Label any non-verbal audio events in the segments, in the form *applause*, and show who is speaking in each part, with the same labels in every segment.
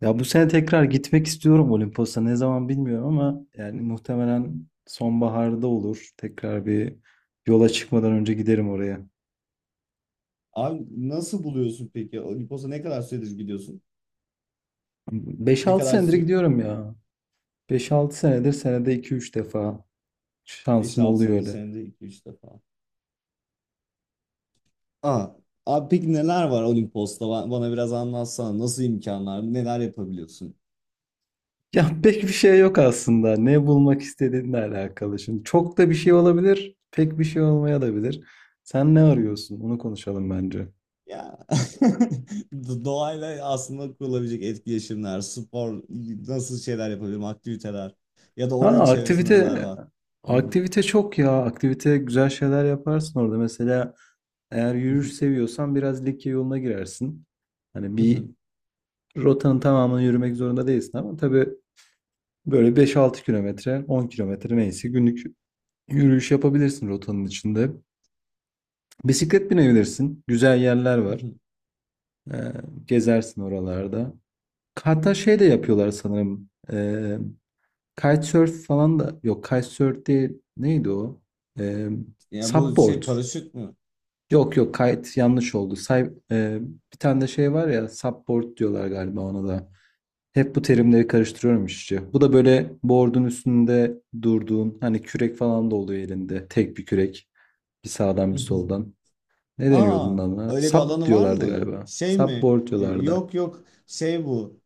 Speaker 1: Ya bu sene tekrar gitmek istiyorum Olimpos'a. Ne zaman bilmiyorum ama yani muhtemelen sonbaharda olur. Tekrar bir yola çıkmadan önce giderim oraya.
Speaker 2: Abi nasıl buluyorsun peki? O Olimpos'a ne kadar süredir gidiyorsun?
Speaker 1: Beş
Speaker 2: Ne
Speaker 1: altı
Speaker 2: kadar
Speaker 1: senedir
Speaker 2: süre?
Speaker 1: gidiyorum ya. 5-6 senedir senede 2-3 defa şansım
Speaker 2: 5-6
Speaker 1: oluyor
Speaker 2: senedir,
Speaker 1: öyle.
Speaker 2: senede iki üç defa. Aa, abi peki neler var Olimpos'ta? Bana biraz anlatsana. Nasıl imkanlar? Neler yapabiliyorsun?
Speaker 1: Ya *laughs* pek bir şey yok aslında. Ne bulmak istediğinle alakalı. Şimdi çok da bir şey olabilir, pek bir şey olmaya da bilir. Sen ne
Speaker 2: Hı.
Speaker 1: arıyorsun? Onu konuşalım bence.
Speaker 2: Ya *laughs* doğayla aslında kurulabilecek etkileşimler, spor, nasıl şeyler yapabilirim, aktiviteler ya da oranın
Speaker 1: Ha
Speaker 2: çevresinde neler
Speaker 1: aktivite
Speaker 2: var?
Speaker 1: aktivite çok ya. Aktivite güzel şeyler yaparsın orada. Mesela eğer yürüyüş seviyorsan biraz Likya yoluna girersin. Hani bir
Speaker 2: *laughs*
Speaker 1: rotanın tamamını yürümek zorunda değilsin ama tabii böyle 5-6 kilometre, 10 kilometre neyse günlük yürüyüş yapabilirsin rotanın içinde. Bisiklet binebilirsin. Güzel yerler var. Ee, Gezersin oralarda. Hatta şey de yapıyorlar sanırım. Kitesurf falan da yok. Kitesurf değil. Neydi o? Ee,
Speaker 2: Ya bu şey
Speaker 1: Subboard.
Speaker 2: paraşüt mü?
Speaker 1: Yok yok kite yanlış oldu. Bir tane de şey var ya subboard diyorlar galiba ona da. Hep bu terimleri karıştırıyorum işte. Bu da böyle board'un üstünde durduğun hani kürek falan da oluyor elinde. Tek bir kürek. Bir sağdan bir
Speaker 2: *laughs*
Speaker 1: soldan. Ne deniyordu
Speaker 2: Aa,
Speaker 1: bundan?
Speaker 2: öyle bir
Speaker 1: Sap
Speaker 2: alanı var
Speaker 1: diyorlardı
Speaker 2: mı?
Speaker 1: galiba.
Speaker 2: Şey mi?
Speaker 1: Subboard diyorlardı.
Speaker 2: Yok yok. Şey bu.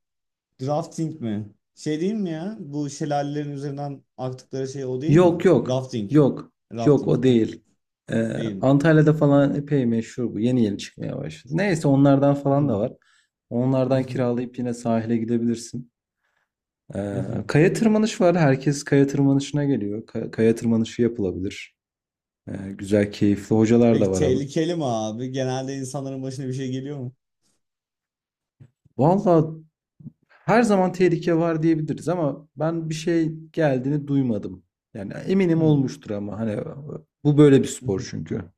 Speaker 2: Drafting mi? Şey değil mi ya? Bu şelalelerin üzerinden aktıkları şey o değil
Speaker 1: Yok
Speaker 2: mi?
Speaker 1: yok.
Speaker 2: Rafting mi?
Speaker 1: Yok. Yok
Speaker 2: Rafting.
Speaker 1: o değil. Ee,
Speaker 2: Değil mi?
Speaker 1: Antalya'da falan epey meşhur bu. Yeni yeni çıkmaya başladı. Neyse onlardan falan
Speaker 2: Hmm.
Speaker 1: da var. Onlardan kiralayıp yine sahile gidebilirsin.
Speaker 2: *laughs*
Speaker 1: Kaya tırmanış var. Herkes kaya tırmanışına geliyor. Kaya tırmanışı yapılabilir. Ee, Güzel, keyifli hocalar da
Speaker 2: Peki
Speaker 1: var abi.
Speaker 2: tehlikeli mi abi? Genelde insanların başına bir şey geliyor mu?
Speaker 1: Valla her zaman tehlike var diyebiliriz ama ben bir şey geldiğini duymadım. Yani eminim
Speaker 2: Hmm.
Speaker 1: olmuştur ama hani bu böyle bir spor
Speaker 2: *laughs*
Speaker 1: çünkü.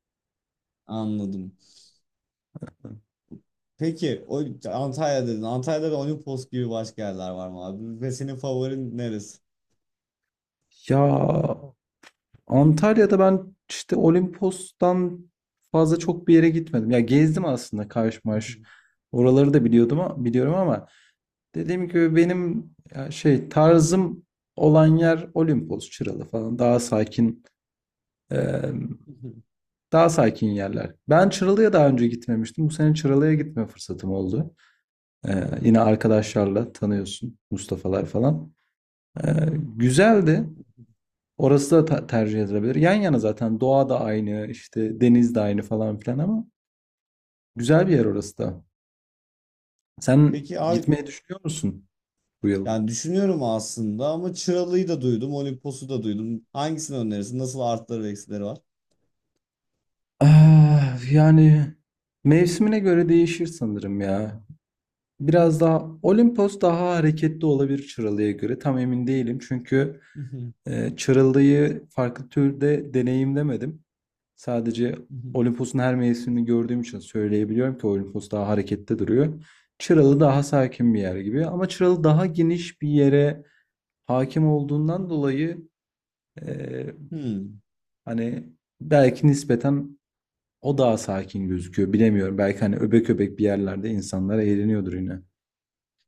Speaker 2: Anladım. Peki o Antalya dedin. Antalya'da da Olimpos gibi başka yerler var mı abi? Ve senin favorin neresi?
Speaker 1: Ya Antalya'da ben işte Olimpos'tan fazla çok bir yere gitmedim. Ya gezdim aslında Kaş Maş. Oraları da biliyordum biliyorum ama dediğim gibi benim ya şey tarzım olan yer Olimpos, Çıralı falan e,
Speaker 2: *laughs*
Speaker 1: daha sakin yerler. Ben Çıralı'ya daha önce gitmemiştim. Bu sene Çıralı'ya gitme fırsatım oldu. E, Yine arkadaşlarla tanıyorsun Mustafa'lar falan. E, Güzeldi. Orası da tercih edilebilir. Yan yana zaten doğa da aynı, işte deniz de aynı falan filan ama güzel bir yer orası da. Sen
Speaker 2: Peki abi,
Speaker 1: gitmeyi düşünüyor musun bu yıl?
Speaker 2: yani düşünüyorum aslında ama Çıralı'yı da duydum, Olimpos'u da duydum. Hangisini önerirsin? Nasıl artıları ve eksileri var?
Speaker 1: Ah, yani mevsimine göre değişir sanırım ya. Biraz daha Olimpos daha hareketli olabilir Çıralı'ya göre. Tam emin değilim çünkü
Speaker 2: Hı hı,
Speaker 1: Çırıldığı farklı türde deneyimlemedim. Sadece
Speaker 2: hı hı.
Speaker 1: Olimpos'un her mevsimini gördüğüm için söyleyebiliyorum ki Olimpos daha harekette duruyor. Çıralı daha sakin bir yer gibi ama Çıralı daha geniş bir yere hakim olduğundan dolayı e,
Speaker 2: Hmm.
Speaker 1: hani belki nispeten o daha sakin gözüküyor. Bilemiyorum. Belki hani öbek öbek bir yerlerde insanlar eğleniyordur yine.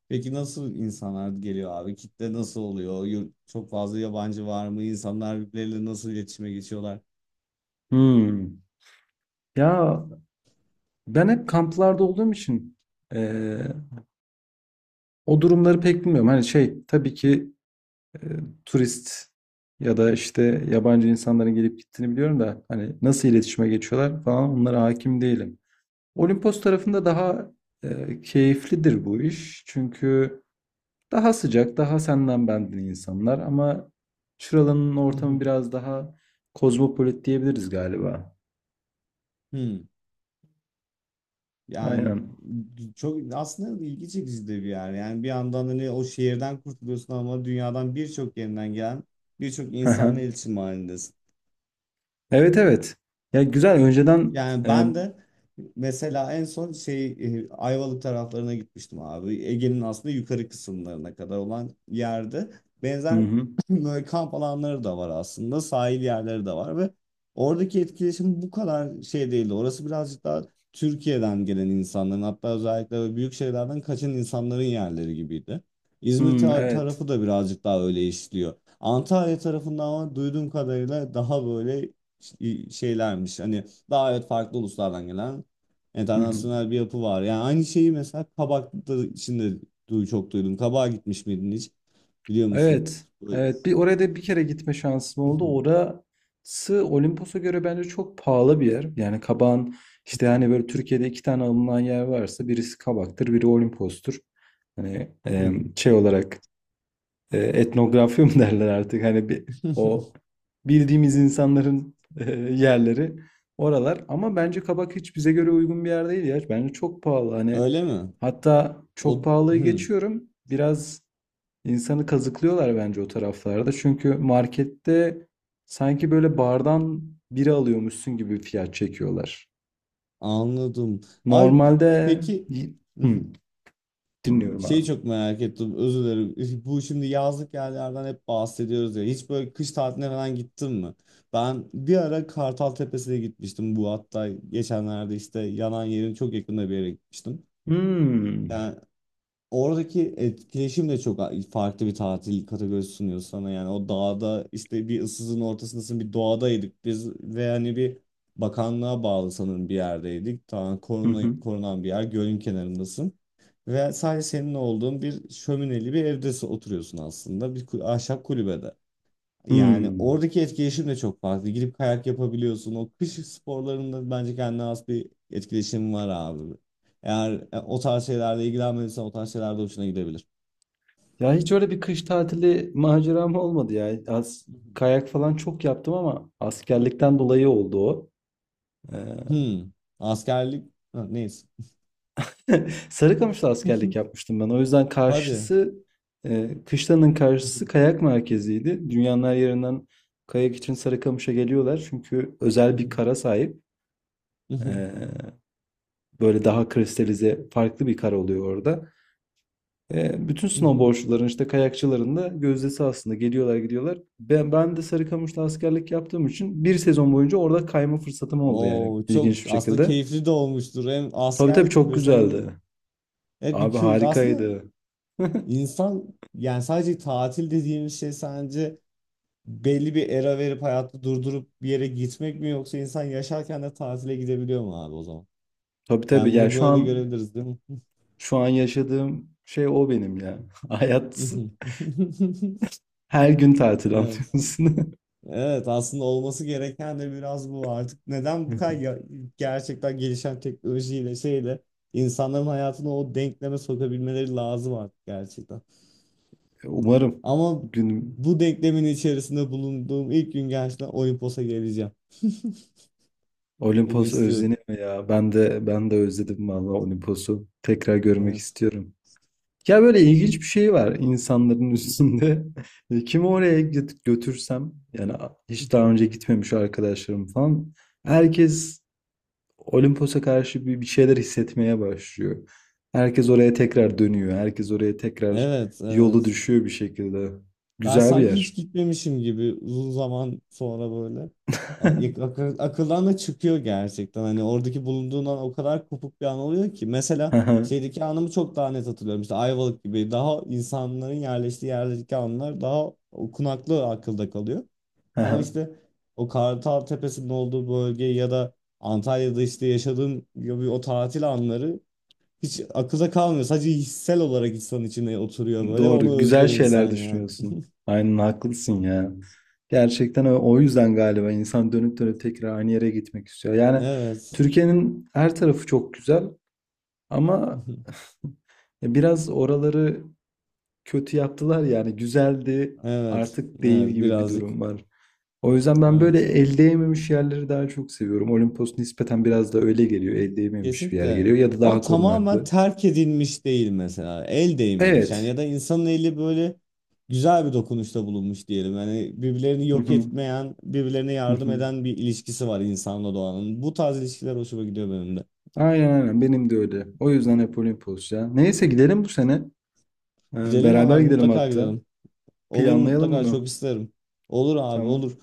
Speaker 2: Peki nasıl insanlar geliyor abi? Kitle nasıl oluyor? Çok fazla yabancı var mı? İnsanlar birbirleriyle nasıl iletişime geçiyorlar?
Speaker 1: Hmm. Ya ben hep kamplarda olduğum için e, o durumları pek bilmiyorum. Hani şey tabii ki e, turist ya da işte yabancı insanların gelip gittiğini biliyorum da hani nasıl iletişime geçiyorlar falan onlara hakim değilim. Olimpos tarafında daha keyiflidir bu iş. Çünkü daha sıcak, daha senden benden insanlar ama Çıralı'nın
Speaker 2: Hı
Speaker 1: ortamı
Speaker 2: hı.
Speaker 1: biraz daha kozmopolit diyebiliriz galiba.
Speaker 2: Hmm. Yani
Speaker 1: Aynen.
Speaker 2: çok aslında ilgi çekici de bir yer. Yani bir yandan hani o şehirden kurtuluyorsun ama dünyadan birçok yerinden gelen birçok
Speaker 1: Haha.
Speaker 2: insanla iletişim halindesin.
Speaker 1: Evet evet. Ya güzel önceden
Speaker 2: Yani ben de mesela en son şey Ayvalık taraflarına gitmiştim abi. Ege'nin aslında yukarı kısımlarına kadar olan yerde
Speaker 1: hı
Speaker 2: benzer
Speaker 1: hı.
Speaker 2: *laughs* *clears throat* böyle kamp alanları da var aslında. Sahil yerleri de var ve oradaki etkileşim bu kadar şey değildi. Orası birazcık daha Türkiye'den gelen insanların, hatta özellikle böyle büyük şehirlerden kaçan insanların yerleri gibiydi. İzmir
Speaker 1: Hı, evet.
Speaker 2: tarafı da birazcık daha öyle işliyor. Antalya tarafından ama duyduğum kadarıyla daha böyle şeylermiş. Hani daha evet farklı uluslardan gelen internasyonel bir yapı var. Yani aynı şeyi mesela kabakta içinde çok duydum. Kabağa gitmiş miydin hiç? Biliyor musun?
Speaker 1: Evet.
Speaker 2: Böyle-
Speaker 1: Evet. Bir oraya da bir kere gitme şansım oldu.
Speaker 2: *laughs*
Speaker 1: Orası Olimpos'a göre bence çok pahalı bir yer. Yani Kabak'ın işte hani böyle Türkiye'de iki tane alınan yer varsa birisi Kabak'tır, biri Olimpos'tur. Hani
Speaker 2: Hı.
Speaker 1: şey olarak etnografya mı *laughs* derler artık hani bir o
Speaker 2: *laughs*
Speaker 1: bildiğimiz insanların yerleri oralar ama bence Kabak hiç bize göre uygun bir yer değil ya. Bence çok pahalı. Hani
Speaker 2: Öyle mi?
Speaker 1: hatta çok
Speaker 2: O
Speaker 1: pahalıyı
Speaker 2: hı,
Speaker 1: geçiyorum. Biraz İnsanı kazıklıyorlar bence o taraflarda. Çünkü markette sanki böyle bardan biri alıyormuşsun gibi fiyat çekiyorlar.
Speaker 2: anladım. Ay
Speaker 1: Normalde
Speaker 2: peki *laughs*
Speaker 1: Hmm, dinliyorum
Speaker 2: şeyi
Speaker 1: abi.
Speaker 2: çok merak ettim. Özür dilerim. *laughs* Bu şimdi yazlık yerlerden hep bahsediyoruz ya. Hiç böyle kış tatiline falan gittin mi? Ben bir ara Kartal Tepesi'ne gitmiştim. Bu hatta geçenlerde işte yanan yerin çok yakında bir yere gitmiştim.
Speaker 1: Hmm.
Speaker 2: Yani. Oradaki etkileşim de çok farklı bir tatil kategorisi sunuyor sana. Yani o dağda işte bir ıssızın ortasındasın, bir doğadaydık biz ve hani bir bakanlığa bağlı sanırım bir yerdeydik, tamam,
Speaker 1: Hı hı.
Speaker 2: korunan bir yer, gölün kenarındasın ve sadece senin olduğun bir şömineli bir evde oturuyorsun, aslında bir ahşap kulübede. Yani
Speaker 1: Hmm.
Speaker 2: oradaki etkileşim de çok fazla. Gidip kayak yapabiliyorsun. O kış sporlarında bence kendine has bir etkileşim var abi. Eğer o tarz şeylerle ilgilenmediysen o tarz şeyler de hoşuna gidebilir.
Speaker 1: Ya hiç öyle bir kış tatili maceram olmadı ya. Az
Speaker 2: Hı
Speaker 1: kayak falan çok yaptım ama askerlikten dolayı oldu o. Ee,
Speaker 2: hı. Hmm. Askerlik. Ha, neyse.
Speaker 1: *laughs* Sarıkamış'ta askerlik
Speaker 2: *laughs*
Speaker 1: yapmıştım ben. O yüzden
Speaker 2: Hadi.
Speaker 1: kışlanın karşısı kayak merkeziydi. Dünyanın her yerinden kayak için Sarıkamış'a geliyorlar. Çünkü özel bir kara sahip. E, Böyle daha kristalize farklı bir kar oluyor orada. Bütün
Speaker 2: *laughs*
Speaker 1: snowboardçuların işte kayakçıların da gözdesi aslında geliyorlar gidiyorlar. Ben de Sarıkamış'ta askerlik yaptığım için bir sezon boyunca orada kayma fırsatım oldu yani
Speaker 2: Oo, çok
Speaker 1: ilginç bir
Speaker 2: aslında
Speaker 1: şekilde.
Speaker 2: keyifli de olmuştur. Hem
Speaker 1: Tabii tabii
Speaker 2: askerlik
Speaker 1: çok
Speaker 2: yapıyorsun hem de
Speaker 1: güzeldi.
Speaker 2: evet bir
Speaker 1: Abi
Speaker 2: aslında
Speaker 1: harikaydı. *laughs*
Speaker 2: insan, yani sadece tatil dediğimiz şey sence belli bir era verip hayatı durdurup bir yere gitmek mi, yoksa insan yaşarken de tatile gidebiliyor mu abi o zaman?
Speaker 1: Tabii tabii
Speaker 2: Yani
Speaker 1: ya
Speaker 2: bunu
Speaker 1: şu
Speaker 2: böyle de
Speaker 1: an
Speaker 2: görebiliriz değil mi?
Speaker 1: şu an yaşadığım şey o benim ya. *laughs* Hayat
Speaker 2: *laughs*
Speaker 1: her gün tatil
Speaker 2: Evet.
Speaker 1: anlıyorsun.
Speaker 2: Evet, aslında olması gereken de biraz bu artık. Neden bu kadar
Speaker 1: *laughs*
Speaker 2: gerçekten gelişen teknolojiyle şeyle insanların hayatını o denkleme sokabilmeleri lazım artık gerçekten.
Speaker 1: Umarım
Speaker 2: Ama
Speaker 1: gün
Speaker 2: bu denklemin içerisinde bulunduğum ilk gün gerçekten Olimpos'a geleceğim. *laughs* Bunu
Speaker 1: Olimpos
Speaker 2: istiyorum.
Speaker 1: özleniyor ya. Ben de özledim vallahi Olimpos'u. Tekrar görmek
Speaker 2: Evet.
Speaker 1: istiyorum. Ya böyle ilginç bir şey var insanların üstünde. *laughs* Kimi oraya götürsem yani hiç daha önce
Speaker 2: *laughs*
Speaker 1: gitmemiş arkadaşlarım falan herkes Olimpos'a karşı bir şeyler hissetmeye başlıyor. Herkes oraya tekrar dönüyor. Herkes oraya tekrar
Speaker 2: Evet,
Speaker 1: yolu
Speaker 2: evet.
Speaker 1: düşüyor bir şekilde.
Speaker 2: Ben
Speaker 1: Güzel bir
Speaker 2: sanki hiç
Speaker 1: yer.
Speaker 2: gitmemişim gibi uzun zaman sonra böyle.
Speaker 1: *laughs*
Speaker 2: Akıldan da çıkıyor gerçekten. Hani oradaki bulunduğundan o kadar kopuk bir an oluyor ki. Mesela
Speaker 1: Aha,
Speaker 2: şeydeki anımı çok daha net hatırlıyorum. İşte Ayvalık gibi daha insanların yerleştiği yerdeki anlar daha okunaklı akılda kalıyor. Ama
Speaker 1: aha.
Speaker 2: işte o Kartal Tepesi'nin olduğu bölge ya da Antalya'da işte yaşadığım gibi o tatil anları hiç akılda kalmıyor. Sadece hissel olarak insan içine oturuyor böyle ve
Speaker 1: Doğru,
Speaker 2: onu
Speaker 1: güzel
Speaker 2: özlüyor
Speaker 1: şeyler
Speaker 2: insan yani.
Speaker 1: düşünüyorsun. Aynen haklısın ya. Gerçekten o yüzden galiba insan dönüp dönüp tekrar aynı yere gitmek istiyor. Yani
Speaker 2: Evet.
Speaker 1: Türkiye'nin her tarafı çok güzel ama
Speaker 2: *laughs*
Speaker 1: biraz oraları kötü yaptılar yani güzeldi
Speaker 2: Evet,
Speaker 1: artık değil
Speaker 2: evet,
Speaker 1: gibi bir
Speaker 2: birazcık
Speaker 1: durum var. O yüzden ben böyle
Speaker 2: evet.
Speaker 1: el değmemiş yerleri daha çok seviyorum. Olimpos nispeten biraz da öyle geliyor. El değmemiş bir yer
Speaker 2: Kesinlikle.
Speaker 1: geliyor ya da
Speaker 2: Ama
Speaker 1: daha
Speaker 2: tamamen
Speaker 1: korunaklı.
Speaker 2: terk edilmiş değil mesela. El değmemiş. Yani
Speaker 1: Evet.
Speaker 2: ya da insanın eli böyle güzel bir dokunuşta bulunmuş diyelim. Yani birbirlerini
Speaker 1: Hı
Speaker 2: yok
Speaker 1: hı.
Speaker 2: etmeyen, birbirlerine
Speaker 1: Hı
Speaker 2: yardım
Speaker 1: hı.
Speaker 2: eden bir ilişkisi var insanla doğanın. Bu tarz ilişkiler hoşuma gidiyor benim de.
Speaker 1: Aynen aynen benim de öyle. O yüzden hep Olimpos ya. Neyse gidelim bu sene.
Speaker 2: Gidelim
Speaker 1: Beraber
Speaker 2: abi,
Speaker 1: gidelim
Speaker 2: mutlaka
Speaker 1: hatta.
Speaker 2: gidelim. Olur,
Speaker 1: Planlayalım
Speaker 2: mutlaka çok
Speaker 1: bunu.
Speaker 2: isterim. Olur abi,
Speaker 1: Tamam.
Speaker 2: olur.